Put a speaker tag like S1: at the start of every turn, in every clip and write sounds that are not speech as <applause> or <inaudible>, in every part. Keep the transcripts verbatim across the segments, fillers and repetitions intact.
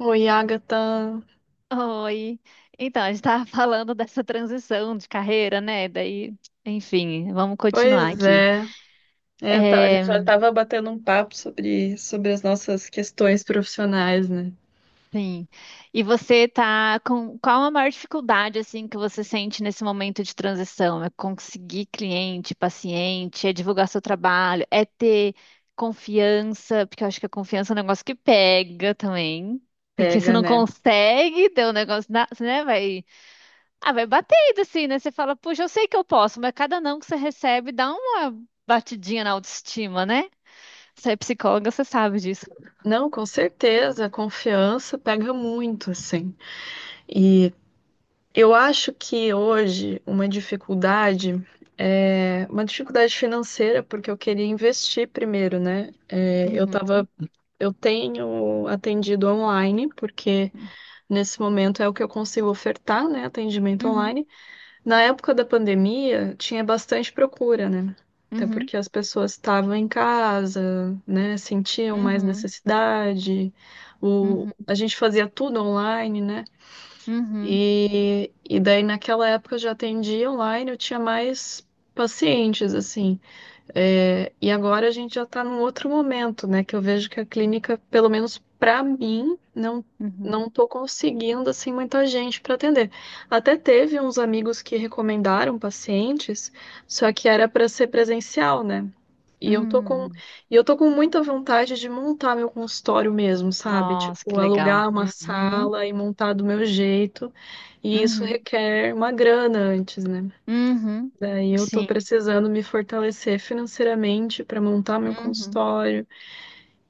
S1: Oi, Agatha.
S2: Oi. Então, a gente estava <laughs> falando dessa transição de carreira, né? Daí, enfim, vamos continuar
S1: Pois
S2: aqui.
S1: é. É, tá- a gente já
S2: É,
S1: estava batendo um papo sobre, sobre as nossas questões profissionais, né?
S2: sim. E você tá com qual a maior dificuldade assim que você sente nesse momento de transição? É conseguir cliente, paciente, é divulgar seu trabalho, é ter confiança, porque eu acho que a confiança é um negócio que pega também. Porque você
S1: Pega,
S2: não
S1: né?
S2: consegue ter um negócio, na- né? Vai Ah, vai batendo assim, né? Você fala, puxa, eu sei que eu posso, mas cada não que você recebe dá uma batidinha na autoestima, né? Você é psicóloga, você sabe disso.
S1: Não, com certeza, a confiança pega muito, assim. E eu acho que hoje uma dificuldade é uma dificuldade financeira, porque eu queria investir primeiro, né? É, eu
S2: Uhum,
S1: tava, eu tenho atendido online, porque nesse momento é o que eu consigo ofertar, né? Atendimento
S2: uhum,
S1: online. Na época da pandemia, tinha bastante procura, né? Até
S2: uhum,
S1: porque as pessoas estavam em casa, né? Sentiam mais
S2: uhum,
S1: necessidade. O...
S2: uhum,
S1: A gente fazia tudo online, né?
S2: uhum,
S1: E... e daí, naquela época, eu já atendia online, eu tinha mais pacientes, assim. É, e agora a gente já está num outro momento, né? Que eu vejo que a clínica, pelo menos para mim, não
S2: uhum,
S1: não estou conseguindo assim muita gente para atender. Até teve uns amigos que recomendaram pacientes, só que era para ser presencial, né? E eu tô com
S2: uhum.
S1: e eu tô com muita vontade de montar meu consultório mesmo, sabe?
S2: Nossa,
S1: Tipo,
S2: que legal.
S1: alugar uma
S2: Uhum,
S1: sala e montar do meu jeito. E isso
S2: uhum,
S1: requer uma grana antes, né?
S2: uhum.
S1: Daí eu tô
S2: Sim,
S1: precisando me fortalecer financeiramente para montar meu
S2: uhum,
S1: consultório.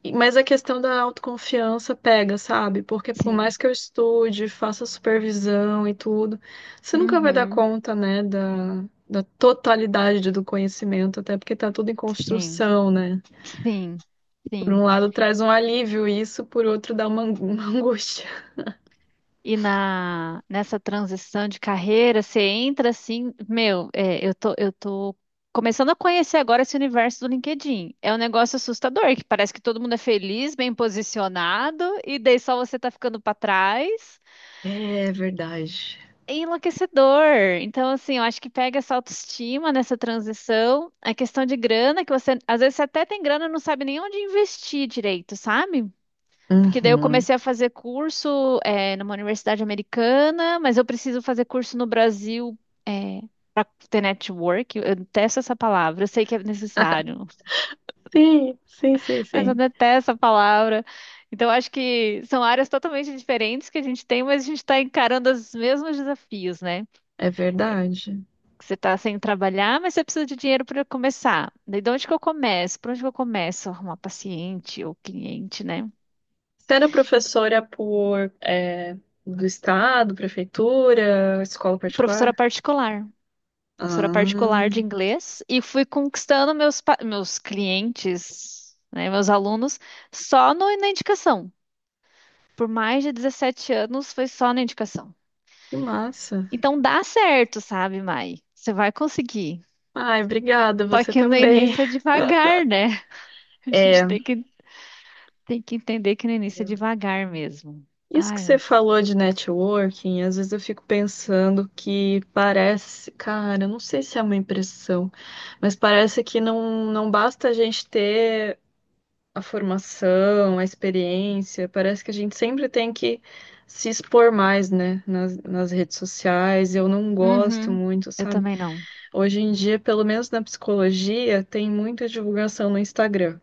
S1: E- Mas a questão da autoconfiança pega, sabe? Porque por
S2: sim,
S1: mais que eu estude, faça supervisão e tudo, você nunca vai dar
S2: uhum,
S1: conta, né, da, da totalidade do conhecimento, até porque tá tudo em
S2: sim,
S1: construção, né?
S2: sim,
S1: Por
S2: sim.
S1: um lado traz um alívio isso, por outro dá uma, ang- <laughs> uma angústia.
S2: E na, nessa transição de carreira, você entra assim, meu, é, eu tô, eu tô começando a conhecer agora esse universo do LinkedIn. É um negócio assustador, que parece que todo mundo é feliz, bem posicionado, e daí só você tá ficando pra trás.
S1: É verdade.
S2: É enlouquecedor. Então, assim, eu acho que pega essa autoestima nessa transição, a questão de grana, que você, às vezes você até tem grana e não sabe nem onde investir direito, sabe? Porque daí eu
S1: Uhum.
S2: comecei a fazer curso, é, numa universidade americana, mas eu preciso fazer curso no Brasil, é, para ter network. Eu detesto essa palavra, eu sei que é necessário,
S1: Sim, sim, sim,
S2: mas eu
S1: sim.
S2: detesto essa palavra. Então, acho que são áreas totalmente diferentes que a gente tem, mas a gente está encarando os mesmos desafios, né?
S1: É verdade.
S2: Você está sem trabalhar, mas você precisa de dinheiro para começar. Daí, de onde que eu começo? Por onde que eu começo a arrumar paciente ou cliente, né?
S1: Você era professora por, é, do estado, prefeitura, escola
S2: Professora
S1: particular?
S2: particular. Professora particular de
S1: Ah,
S2: inglês e fui conquistando meus, pa- meus clientes, né, meus alunos, só no- na indicação. Por mais de dezessete anos foi só na indicação.
S1: que massa.
S2: Então dá certo, sabe, Mai? Você vai conseguir.
S1: Ai, obrigada,
S2: Só
S1: você
S2: que no
S1: também.
S2: início é devagar, né? <laughs> A gente
S1: É,
S2: tem que, tem que entender que no início é devagar mesmo.
S1: isso que
S2: Ai,
S1: você
S2: mas.
S1: falou de networking, às vezes eu fico pensando que parece, cara, eu não sei se é uma impressão, mas parece que não, não basta a gente ter a formação, a experiência. Parece que a gente sempre tem que se expor mais, né, nas, nas redes sociais. Eu não gosto
S2: Uhum,
S1: muito,
S2: eu
S1: sabe?
S2: também não.
S1: Hoje em dia, pelo menos na psicologia, tem muita divulgação no Instagram.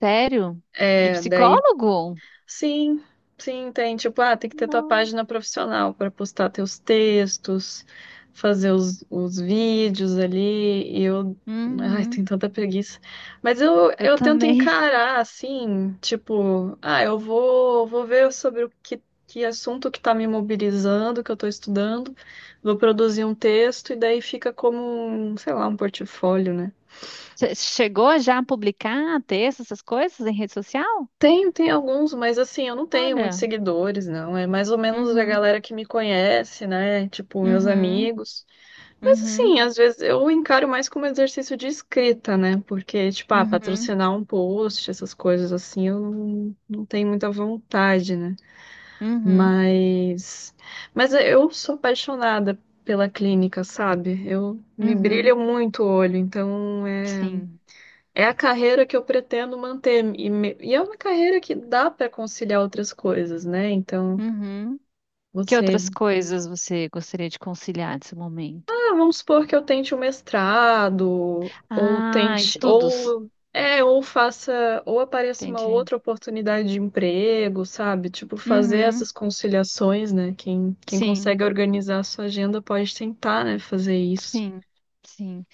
S2: Sério? De
S1: É, daí.
S2: psicólogo?
S1: Sim, sim, tem. Tipo, ah, tem que ter tua
S2: Não.
S1: página profissional para postar teus textos, fazer os, os vídeos ali. E eu. Ai,
S2: Uhum,
S1: tem tanta preguiça. Mas eu,
S2: eu
S1: eu tento
S2: também.
S1: encarar assim, tipo, ah, eu vou, vou ver sobre o que, que assunto que tá me mobilizando, que eu tô estudando, vou produzir um texto, e daí fica como, um, sei lá, um portfólio, né?
S2: Você chegou já a publicar texto, essas coisas em rede social?
S1: Tenho, tem alguns, mas assim, eu não tenho muitos
S2: Olha.
S1: seguidores, não. É mais ou menos a
S2: Uhum,
S1: galera que me conhece, né? Tipo, meus
S2: uhum,
S1: amigos. Mas assim,
S2: uhum,
S1: às vezes eu encaro mais como exercício de escrita, né? Porque, tipo, ah,
S2: uhum,
S1: patrocinar um post, essas coisas assim, eu não, não tenho muita vontade, né?
S2: uhum,
S1: Mas, mas eu sou apaixonada pela clínica, sabe? Eu me
S2: uhum.
S1: brilha muito o olho, então é
S2: Sim.
S1: é a carreira que eu pretendo manter. E, me- e é uma carreira que dá para conciliar outras coisas, né? Então,
S2: Uhum. Que outras
S1: você.
S2: coisas você gostaria de conciliar nesse momento?
S1: Ah, vamos supor que eu tente um mestrado, ou
S2: Ah,
S1: tente.
S2: estudos.
S1: Ou. É, ou faça. Ou apareça uma
S2: Entendi.
S1: outra oportunidade de emprego, sabe? Tipo, fazer
S2: Uhum.
S1: essas conciliações, né? Quem, quem
S2: Sim,
S1: consegue organizar a sua agenda pode tentar, né? Fazer isso.
S2: sim, sim.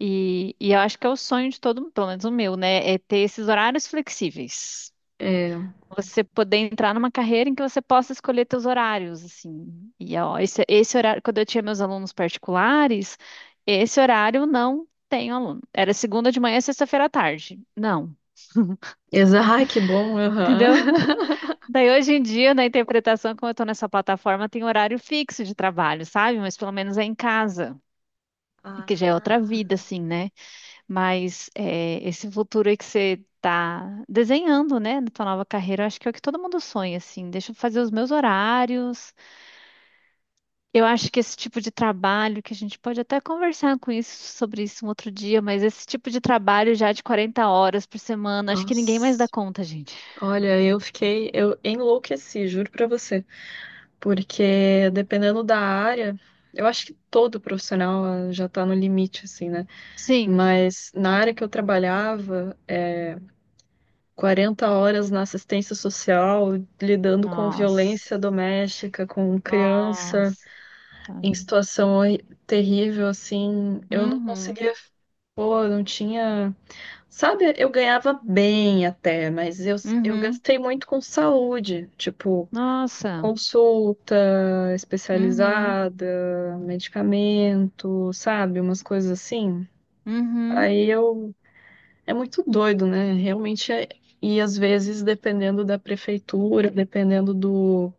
S2: E, e eu acho que é o sonho de todo mundo, pelo menos o meu, né? É ter esses horários flexíveis.
S1: É.
S2: Você poder entrar numa carreira em que você possa escolher teus horários, assim. E ó, esse, esse horário, quando eu tinha meus alunos particulares, esse horário não tem aluno. Era segunda de manhã e sexta-feira à tarde. Não.
S1: Exato, que bom,
S2: <laughs>
S1: aham.
S2: Entendeu?
S1: <laughs>
S2: Daí hoje em dia, na interpretação, como eu estou nessa plataforma, tem horário fixo de trabalho, sabe? Mas pelo menos é em casa, que já é outra vida,
S1: Ah,
S2: assim, né? Mas é, esse futuro aí que você tá desenhando, né, na tua nova carreira, eu acho que é o que todo mundo sonha, assim. Deixa eu fazer os meus horários. Eu acho que esse tipo de trabalho, que a gente pode até conversar com isso, sobre isso um outro dia, mas esse tipo de trabalho já de 40 horas por semana, acho que ninguém mais dá
S1: nossa.
S2: conta, gente.
S1: Olha, eu fiquei, eu enlouqueci, juro pra você, porque dependendo da área, eu acho que todo profissional ah, já tá no limite, assim, né?
S2: Sim.
S1: Mas na área que eu trabalhava, é, 40 horas na assistência social, lidando com violência
S2: Nossa.
S1: doméstica, com criança,
S2: Nossa.
S1: em situação horri- terrível, assim, eu não
S2: Uhum.
S1: conseguia. Pô, eu não tinha. Sabe, eu ganhava bem até, mas eu, eu
S2: Uhum.
S1: gastei muito com saúde. Tipo,
S2: Nossa.
S1: consulta
S2: Uhum.
S1: especializada, medicamento, sabe? Umas coisas assim.
S2: Uhum.
S1: Aí eu. É muito doido, né? Realmente é. E às vezes, dependendo da prefeitura, dependendo do...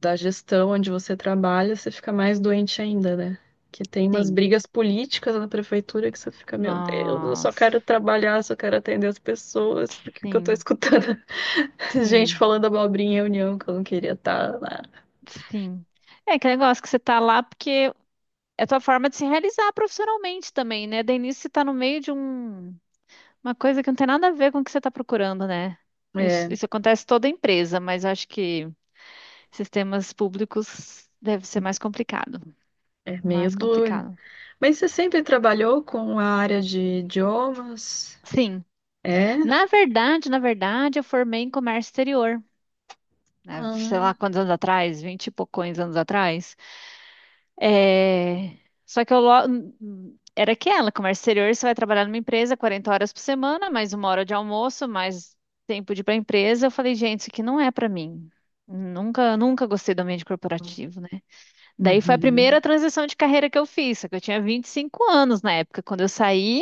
S1: da gestão onde você trabalha, você fica mais doente ainda, né? Que tem umas
S2: Sim.
S1: brigas políticas na prefeitura que você fica, meu Deus, eu só
S2: Nossa.
S1: quero trabalhar, só quero atender as pessoas, por que que eu tô
S2: Sim.
S1: escutando <laughs> gente
S2: Sim.
S1: falando abobrinha em reunião que eu não queria estar lá?
S2: Sim. É aquele negócio que você tá lá porque é a tua forma de se realizar profissionalmente também, né? Daí nisso você tá no meio de um. Uma coisa que não tem nada a ver com o que você está procurando, né? Isso,
S1: É.
S2: isso acontece em toda empresa, mas acho que sistemas públicos deve ser mais complicado.
S1: É meio
S2: Mais
S1: duro.
S2: complicado.
S1: Mas você sempre trabalhou com a área de idiomas?
S2: Sim.
S1: É?
S2: Na verdade, na verdade, eu formei em comércio exterior. Né? Sei lá
S1: Ah,
S2: quantos anos atrás, vinte e poucos anos atrás. É. Só que eu lo- hum, era aquela, comércio exterior, você vai trabalhar numa empresa quarenta horas por semana, mais uma hora de almoço, mais tempo de ir para a empresa. Eu falei, gente, isso aqui não é para mim. Nunca, nunca gostei do ambiente corporativo, né? Daí foi a primeira
S1: uhum.
S2: transição de carreira que eu fiz, só que eu tinha vinte e cinco anos na época. Quando eu saí,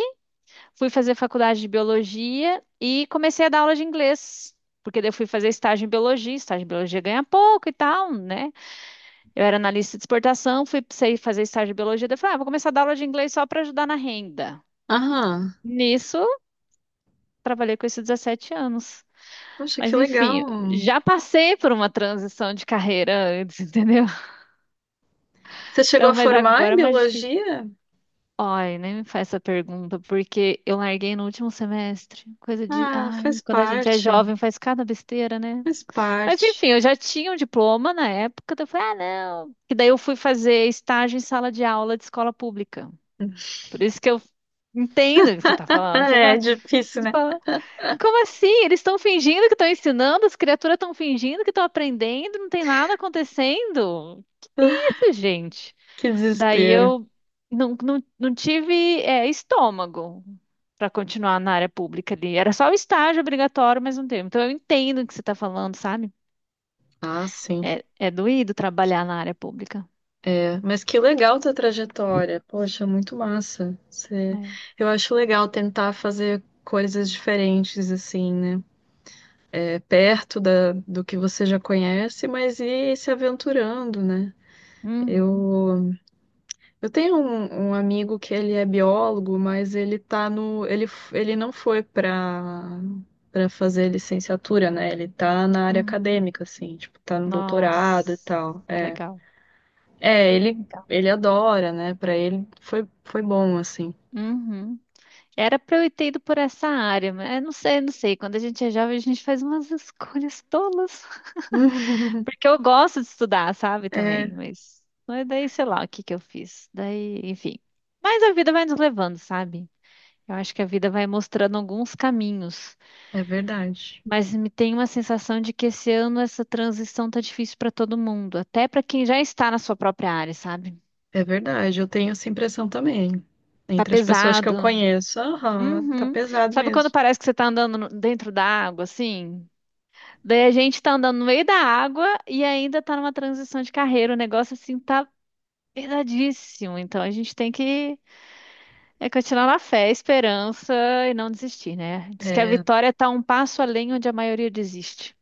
S2: fui fazer faculdade de biologia e comecei a dar aula de inglês. Porque daí eu fui fazer estágio em biologia, estágio em biologia ganha pouco e tal, né? Eu era analista de exportação, fui sei fazer estágio de biologia, daí eu falei, ah, vou começar a dar aula de inglês só para ajudar na renda.
S1: Aham.
S2: Nisso, trabalhei com isso dezessete anos.
S1: Poxa, que
S2: Mas
S1: legal.
S2: enfim, já passei por uma transição de carreira antes, <laughs> entendeu?
S1: Você chegou
S2: Então,
S1: a
S2: mas
S1: formar
S2: agora
S1: em
S2: é mais difícil.
S1: biologia?
S2: Ai, nem me faz essa pergunta, porque eu larguei no último semestre. Coisa de.
S1: Ah,
S2: Ai,
S1: faz
S2: quando a gente é
S1: parte.
S2: jovem, faz cada besteira, né?
S1: Faz
S2: Mas
S1: parte.
S2: enfim,
S1: <laughs>
S2: eu já tinha um diploma na época, então eu falei, ah, não. E daí eu fui fazer estágio em sala de aula de escola pública. Por isso que eu entendo o que você está
S1: Ah,
S2: falando. Você
S1: é
S2: fala,
S1: difícil,
S2: você
S1: né?
S2: fala, como assim? Eles estão fingindo que estão ensinando, as criaturas estão fingindo que estão aprendendo, não tem nada acontecendo. Que isso, gente.
S1: Que
S2: Daí
S1: desespero.
S2: eu não, não, não tive, é, estômago para continuar na área pública ali. Era só o estágio obrigatório, mas não teve. Então eu entendo o que você está falando, sabe?
S1: Ah, sim.
S2: É, é doído trabalhar na área pública.
S1: É, mas que legal tua trajetória. Poxa, muito massa. Você...
S2: É.
S1: Eu acho legal tentar fazer coisas diferentes, assim, né? É, perto da, do que você já conhece, mas ir se aventurando, né?
S2: Uhum,
S1: Eu, eu tenho um, um amigo que ele é biólogo, mas ele tá no, ele, f- ele não foi para para fazer licenciatura, né? Ele tá na área
S2: uhum.
S1: acadêmica, assim, tipo, tá no doutorado e
S2: Nossa,
S1: tal.
S2: tá
S1: É,
S2: legal.
S1: é, ele
S2: Legal.
S1: ele adora, né? Para ele foi foi bom, assim.
S2: Uhum. Era pra eu ter ido por essa área, mas eu não sei, não sei. Quando a gente é jovem, a gente faz umas escolhas tolas.
S1: <laughs>
S2: <laughs> Porque eu gosto de estudar, sabe,
S1: É,
S2: também. Mas, mas daí, sei lá, o que que eu fiz. Daí, enfim. Mas a vida vai nos levando, sabe? Eu acho que a vida vai mostrando alguns caminhos.
S1: é verdade.
S2: Mas me tem uma sensação de que esse ano essa transição tá difícil pra todo mundo. Até pra quem já está na sua própria área, sabe?
S1: É verdade, eu tenho essa impressão também.
S2: Tá
S1: Entre as pessoas que eu
S2: pesado.
S1: conheço, aham, tá
S2: Uhum.
S1: pesado
S2: Sabe quando
S1: mesmo.
S2: parece que você tá andando no- dentro da água, assim? Daí a gente tá andando no meio da água e ainda tá numa transição de carreira. O negócio assim tá pesadíssimo. Então a gente tem que é, continuar na fé, esperança e não desistir, né? Diz que a
S1: É,
S2: vitória tá um passo além onde a maioria desiste.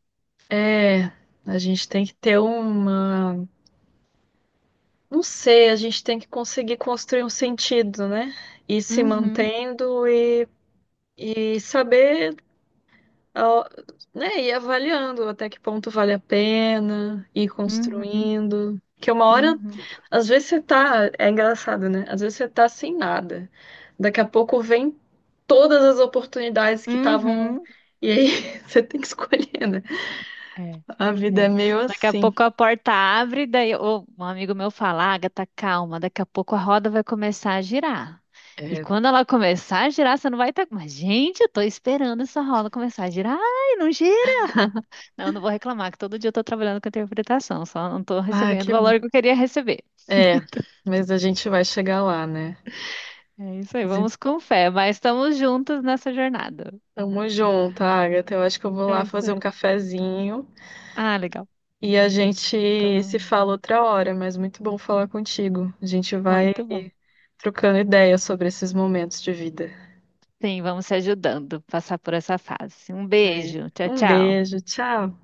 S1: é, a gente tem que ter uma, não sei, a gente tem que conseguir construir um sentido, né? E se
S2: Uhum,
S1: mantendo e, e, saber, ó, né, ir avaliando até que ponto vale a pena, ir
S2: uhum,
S1: construindo. Que uma hora.
S2: uhum,
S1: Às vezes você tá, é engraçado, né? Às vezes você tá sem nada. Daqui a pouco vem todas as oportunidades que estavam.
S2: uhum.
S1: E aí <laughs> você tem que escolher, né?
S2: É,
S1: A vida é
S2: é.
S1: meio
S2: Daqui a
S1: assim.
S2: pouco a porta abre, daí ô, um amigo meu fala, Agatha, calma, daqui a pouco a roda vai começar a girar. E
S1: É.
S2: quando ela começar a girar, você não vai estar. Mas, gente, eu tô esperando essa roda começar a girar. Ai, não gira. Não, não vou reclamar, que todo dia eu tô trabalhando com interpretação, só não tô
S1: Ah,
S2: recebendo o
S1: que.
S2: valor que eu queria receber.
S1: É,
S2: <laughs>
S1: mas a gente vai chegar lá, né?
S2: Então, é isso aí,
S1: Mas
S2: vamos com fé, mas estamos juntos nessa jornada.
S1: tamo junto, Agatha. Eu acho que eu vou lá
S2: É isso
S1: fazer um
S2: aí.
S1: cafezinho
S2: Ah, legal.
S1: e a gente se
S2: Então,
S1: fala outra hora, mas muito bom falar contigo. A gente vai
S2: muito bom.
S1: trocando ideias sobre esses momentos de vida.
S2: Sim, vamos se ajudando a passar por essa fase. Um
S1: É.
S2: beijo. Tchau,
S1: Um
S2: tchau.
S1: beijo, tchau.